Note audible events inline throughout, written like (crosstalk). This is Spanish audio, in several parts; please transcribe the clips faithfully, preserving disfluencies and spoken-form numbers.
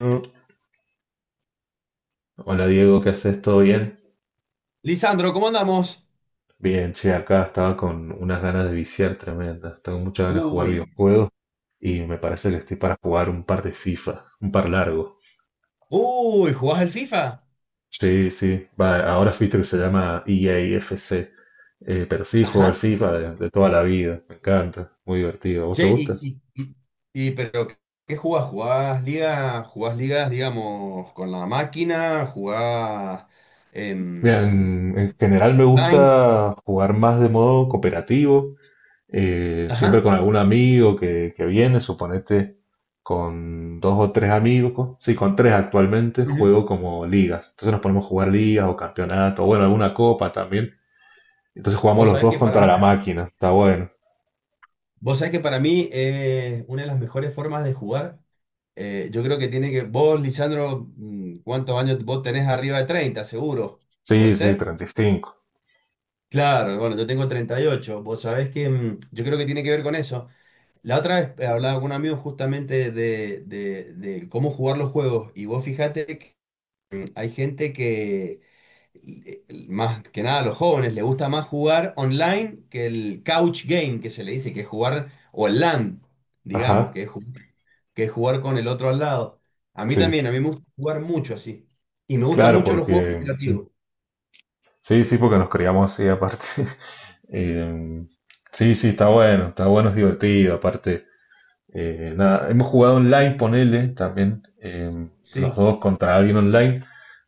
Mm. Hola Diego, ¿qué haces? ¿Todo bien? Lisandro, ¿cómo andamos? Bien, che, acá estaba con unas ganas de viciar tremendas. Tengo muchas ganas de jugar Uy, videojuegos y me parece que qué- estoy para jugar un par de FIFA, un par largo. Uy, ¿jugás al FIFA? Sí, sí, va, ahora viste que se llama E A F C, eh, pero sí, juego al Ajá. FIFA de, de toda la vida, me encanta, muy divertido. ¿A ¿Vos Che, te gusta? y, y, y, y, pero ¿qué jugás? ¿Jugás ligas? ¿Jugás ligas, digamos, con la máquina? ¿Jugás Mira, en en, en general me online? gusta jugar más de modo cooperativo, eh, siempre Ajá. con algún amigo que, que viene, suponete con dos o tres amigos, sí, con tres actualmente Ujú. juego como ligas, entonces nos ponemos a jugar ligas o campeonatos, bueno, alguna copa también, entonces jugamos Vos los sabés dos que para contra mí, la máquina, está bueno. vos sabés que para mí eh, una de las mejores formas de jugar, eh, yo creo que tiene que, vos, Lisandro, mm, ¿cuántos años vos tenés arriba de treinta, seguro? Sí, ¿Puede sí, ser? treinta y cinco. Claro, bueno, yo tengo treinta y ocho. Vos sabés que mm, yo creo que tiene que ver con eso. La otra vez eh, hablaba con un amigo justamente de, de- de cómo jugar los juegos y vos fijate que mm, hay gente que, eh, más que nada a los jóvenes, le gusta más jugar online que el couch game que se le dice, que es jugar, o el LAN, digamos, Ajá, que es, ju- que es jugar con el otro al lado. A mí sí, también, a mí me gusta jugar mucho así. Y me gustan claro, mucho los juegos porque... mm, cooperativos. sí, sí, porque nos criamos así aparte. (laughs) Em, sí, sí, está bueno, está bueno, es divertido, aparte. Eh, nada, hemos jugado online, ponele, también, eh, los Sí. dos contra alguien online,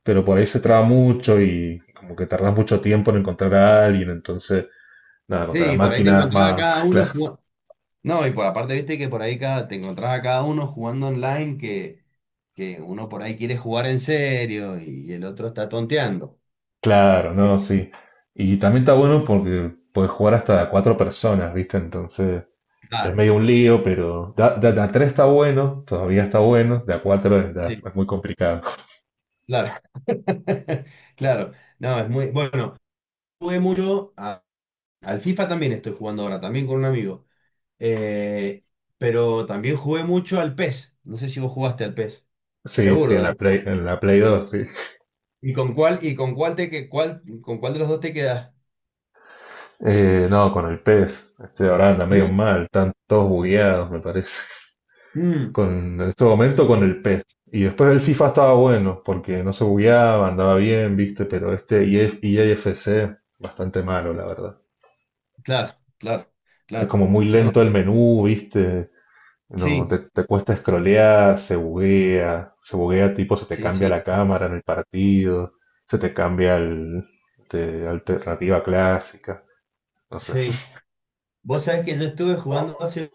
pero por ahí se traba mucho y como que tardas mucho tiempo en encontrar a alguien, entonces, nada, contra la Sí, por ahí te máquina es encontraba más, cada (laughs) uno. cla- No, y por aparte, viste que por ahí cada, te encontrás a cada uno jugando online que, que uno por ahí quiere jugar en serio y el otro está tonteando. claro, Eh, ¿no? Sí. Y también está bueno porque puedes jugar hasta cuatro personas, ¿viste? Entonces, es Claro, medio un lío, pero de, a- de a- de a tres está bueno, todavía está bueno, de a cuatro es, de a- sí, es muy complicado. (laughs) claro. (laughs) Claro, no, es muy bueno. Jugué mucho a- al FIFA también estoy jugando ahora, también con un amigo. Eh, pero también jugué mucho al PES. No sé si vos jugaste al PES. Sí, sí, Seguro, en a la ver. Play, en la Play dos. ¿Y con cuál, y con cuál te que cuál, con cuál de los dos te quedas? Eh, no, con el PES. Este ahora anda medio ¿Mm? mal, están todos bugueados, me parece. Mm. Con, en este momento Sí, con sí. el PES. Y después el FIFA estaba bueno, porque no se bugueaba, andaba bien, viste, pero este E F E A F C, bastante malo, la verdad. Claro, claro, Es claro. como muy lento el menú, viste. No, Sí, te, te cuesta scrollear, se buguea, se buguea, tipo se te sí, cambia sí, la cámara en el partido, se te cambia el, de alternativa clásica, no sé. sí. (laughs) Vos sabés que yo estuve jugando hace,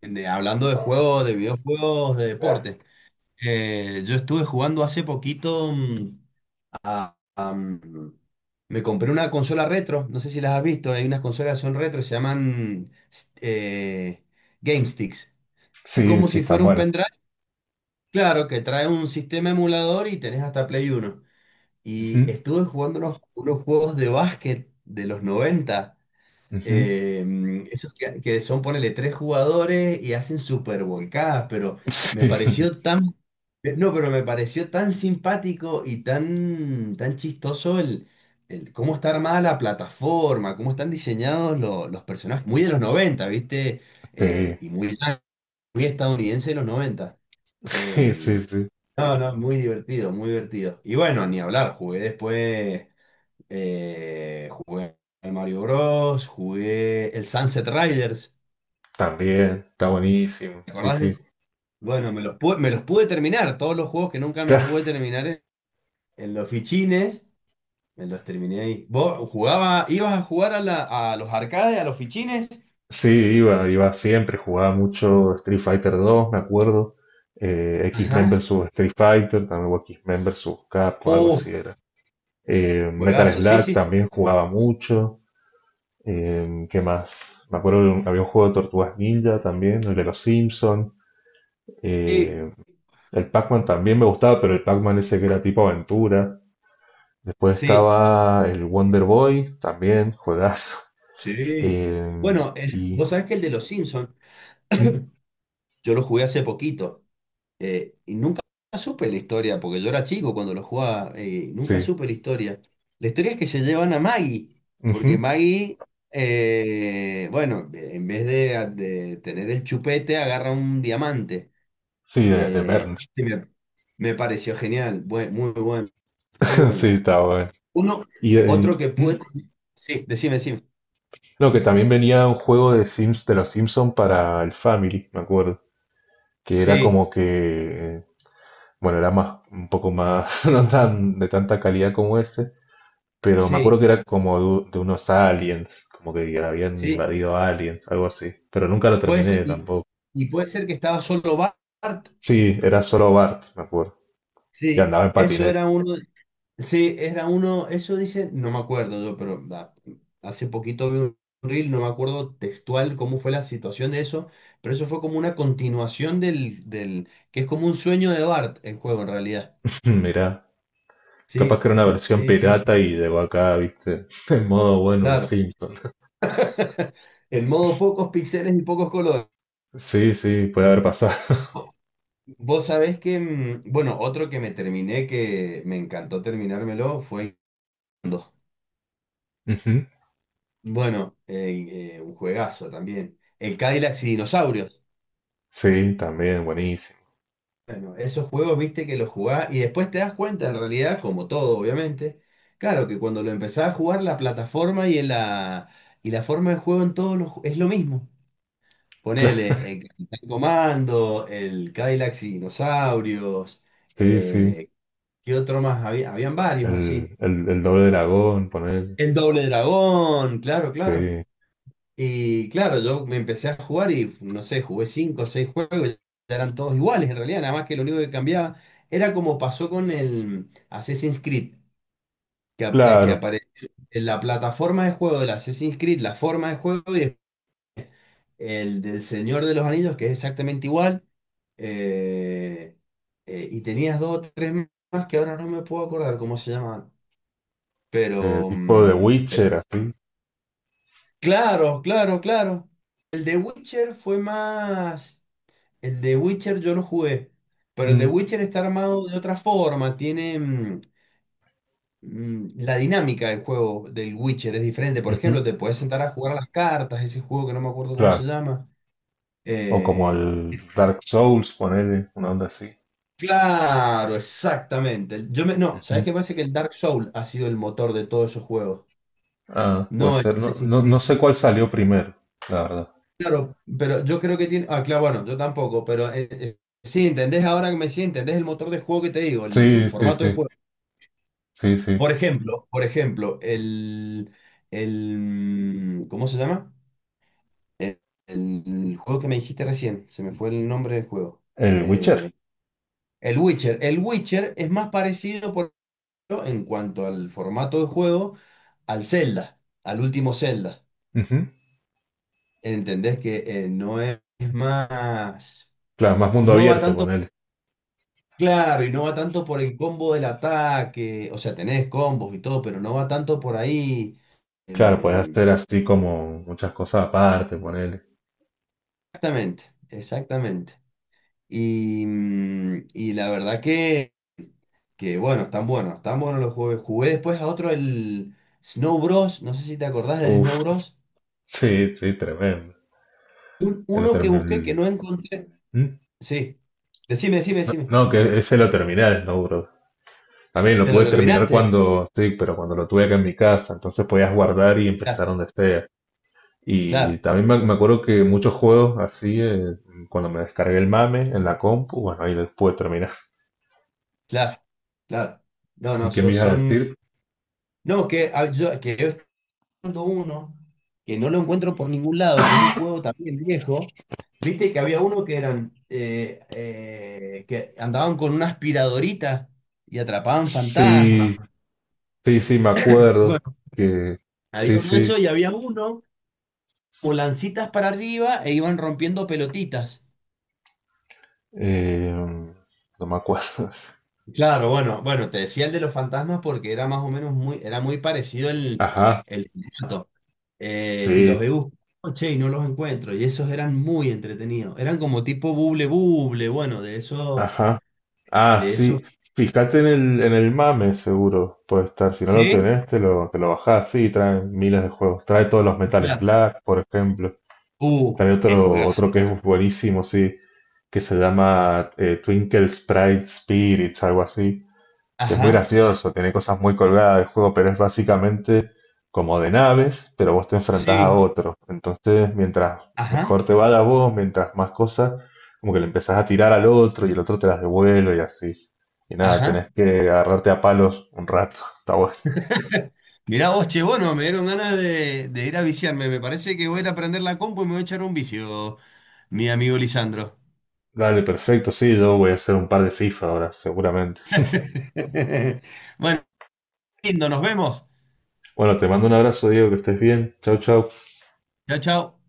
de- hablando de juegos, de videojuegos, de deporte. Eh, yo estuve jugando hace poquito mm, a, a, mm, me compré una consola retro, no sé si las has visto, hay unas consolas que son retro, se llaman s- eh, Game Sticks. Es Sí, como sí, si están fuera un buenas. pendrive, claro, que trae un sistema emulador y tenés hasta Play Uno. Y estuve jugando unos, unos juegos de básquet de los noventa. Ujú. Eh, esos que, que son, ponele, tres jugadores y hacen super volcadas, pero me (laughs) Sí, pareció tan. eh, No, pero me pareció tan simpático y tan, tan chistoso el, el cómo está armada la plataforma, cómo están diseñados lo- los personajes, muy de los noventa, ¿viste? Eh, y muy, muy estadounidense de los noventa. Eh, sí, sí, sí, sí. no, no, muy divertido, muy divertido. Y bueno, ni hablar, jugué después. Eh, jugué el Mario Bros, jugué el Sunset Riders, También, está buenísimo. ¿te Sí, acordás de sí. ese? Bueno, me los pude, me los pude terminar, todos los juegos que nunca me pude Claro, terminar en, en, los fichines, me los terminé ahí. ¿Vos jugaba, ibas a jugar a, la- a los arcades, a los fichines? sí, iba, iba siempre, jugaba mucho Street Fighter dos, me acuerdo. Eh, X-Men Ajá. versus Street Fighter, también, o X-Men versus Capcom, algo así Oh, era. Eh, Metal juegazo, sí, Slug sí, también jugaba mucho. Eh, ¿qué más? Me acuerdo de un- había un juego de Tortugas Ninja también, el de los Simpsons. sí, Eh, el Pac-Man también me gustaba, pero el Pac-Man ese que era tipo aventura. Después sí, estaba el Wonder Boy, también, juegazo. sí. Eh, Bueno, eh, y vos sabés que el de los Simpsons, mm, yo lo jugué hace poquito. Eh, y nunca supe la historia, porque yo era chico cuando lo jugaba, eh, nunca sí, supe la historia. La historia es que se llevan a Maggie, porque ujú, Maggie, eh, bueno, en vez de, de tener el chupete, agarra un diamante. sí, de, de Eh, Burns, y me, me pareció genial, bue- muy bueno, muy (laughs) sí, bueno. estaba bueno. Uno, Y otro eh, que mm, pude... Sí, decime, decime. no, que también venía un juego de Sims, de los Simpsons para el Family, me acuerdo, que era Sí, como que, eh, bueno, era más, un poco más, (laughs) no tan de tanta calidad como ese, pero me acuerdo sí, que era como de, de unos aliens, como que habían sí. invadido aliens, algo así, pero nunca lo Puede ser, terminé y, tampoco. y puede ser que estaba solo Bart. Sí, era solo Bart, me acuerdo. Y Sí, andaba en eso patinete. era uno. Sí, era uno, eso dice, no me acuerdo yo, pero da, hace poquito vi un reel, no me acuerdo textual cómo fue la situación de eso, pero eso fue como una continuación del, del, que es como un sueño de Bart el juego en realidad. (laughs) Mirá, Sí, capaz que era una sí, versión sí, sí, sí, pirata y llegó acá, viste, (laughs) en modo bueno, los claro. Simpsons. (laughs) (laughs) El modo pocos píxeles y pocos colores. Sí, sí, puede haber pasado. Vos sabés que, mm, bueno, otro que me terminé, que me encantó terminármelo, fue... Inndo. (laughs) Ujú. Bueno, eh, eh, un juegazo también. El Cadillac y dinosaurios. Sí, también, buenísimo. (laughs) Bueno, esos juegos, viste que los jugás y después te das cuenta, en realidad, como todo, obviamente, claro que cuando lo empezás a jugar, la plataforma y, la, y la forma de juego en todos los ju- es lo mismo. Claro, Ponele el Capitán Comando, el Cadillac y Dinosaurios, sí, sí. eh, ¿qué otro más había? Habían varios así. El, el, el doble dragón, poner. El Doble Dragón, claro, claro. Sí, Y claro, yo me empecé a jugar y no sé, jugué cinco o seis juegos, ya eran todos iguales en realidad, nada más que lo único que cambiaba era como pasó con el Assassin's Creed, que, ap- eh, que claro. apareció en la plataforma de juego del Assassin's Creed, la forma de juego y el del Señor de los Anillos, que es exactamente igual. eh, eh, y tenías dos o tres más que ahora no me puedo acordar cómo se llamaban. eh, Pero, Tipo de mm, pe- Witcher, así. claro, claro, claro. El de Witcher fue más. El de Witcher yo lo jugué, pero el de Mm, Witcher está armado de otra forma, tiene mm, mm, la dinámica del juego del Witcher es diferente. Por ujú, ejemplo, te puedes sentar a jugar a las cartas, ese juego que no me acuerdo cómo claro. se llama. O como Eh, el Dark Souls, poner una onda así. claro, exactamente. Yo me, no, ¿sabes Ujú. qué pasa? Que el Dark Souls ha sido el motor de todos esos juegos. Ah, puede No el ser. No, Assassin's no, Creed. no sé cuál salió primero, la verdad. Claro, pero yo creo que tiene. Ah, claro, bueno, yo tampoco, pero eh, eh, sí, entendés ahora que me sí, entendés el motor de juego que te digo, el el Sí, sí, formato de sí. juego. Sí, sí. Por ejemplo, por ejemplo, el, el, mm, ¿cómo se llama? El, el juego que me dijiste recién, se me fue el nombre del juego. El Witcher. Eh, el Witcher. El Witcher es más parecido, por ejemplo, en cuanto al formato de juego, al Zelda, al último Zelda. Ujú. ¿Entendés que eh, no es más, Claro, más mundo no va abierto, tanto, ponele. claro, y no va tanto por el combo del ataque, o sea, tenés combos y todo, pero no va tanto por ahí. Claro, puedes em, hacer así como muchas cosas aparte, ponele. Exactamente, exactamente. Y, mm, y la verdad que, que bueno, están buenos, están buenos los juegos. Jugué después a otro, el Snow Bros. No sé si te acordás del Uf, Snow Bros. sí, sí, tremendo. Un- lo Uno otro. que busqué que no encontré. Mm. Sí, decime, decime, No, decime. no, que ese lo terminé, el Snowbrook. También lo ¿Te lo pude terminar terminaste? cuando, sí, pero cuando lo tuve acá en mi casa, entonces podías guardar y Claro, empezar donde sea. Y claro, también me, me acuerdo que muchos juegos así, eh, cuando me descargué el mame en la compu, bueno, ahí los pude terminar. claro, claro. No, no, ¿Qué so- me ibas a son... decir? No, que, ah, yo, que uno que no lo encuentro por ningún lado, que es un juego también viejo. Viste que había uno que eran eh, eh, que andaban con una aspiradorita y atrapaban fantasmas. Sí, sí, sí, me acuerdo Bueno, que había sí, uno de sí, esos y había uno con lancitas para arriba e iban rompiendo pelotitas. eh, no me acuerdo. (laughs) Claro, bueno, bueno, te decía el de los fantasmas porque era más o menos muy, era muy parecido el, Ajá, el formato. Eh, y sí, los he buscado, che, y no los encuentro. Y esos eran muy entretenidos. Eran como tipo buble buble, bueno, de esos, ajá. Ah, de esos. sí, fíjate en el, en el MAME, seguro puede estar. Si no lo ¿Sí? tenés, te lo, te lo bajás. Sí, trae miles de juegos. Trae todos los Metales Claro. Black, por ejemplo. Uh, Trae qué otro, juegazo. otro que es buenísimo, sí, que se llama eh, Twinkle Sprite Spirits, algo así. Que es muy Ajá. gracioso, tiene cosas muy colgadas el juego, pero es básicamente como de naves, pero vos te enfrentás a Sí. otros. Entonces, mientras Ajá. mejor te vaya vos, mientras más cosas, como que le empezás a tirar al otro y el otro te las devuelve y así. Y nada, Ajá. tenés que agarrarte a palos un rato. (laughs) Está bueno. Mirá vos, che, bueno, me dieron ganas de, de ir a viciarme. Me parece que voy a ir a prender la compu y me voy a echar un vicio, mi amigo Lisandro. Dale, perfecto, sí, yo voy a hacer un par de FIFA ahora, seguramente. (laughs) Bueno, lindo, nos vemos. Bueno, te mando un abrazo, Diego, que estés bien. Chau, chau. Chao, chao.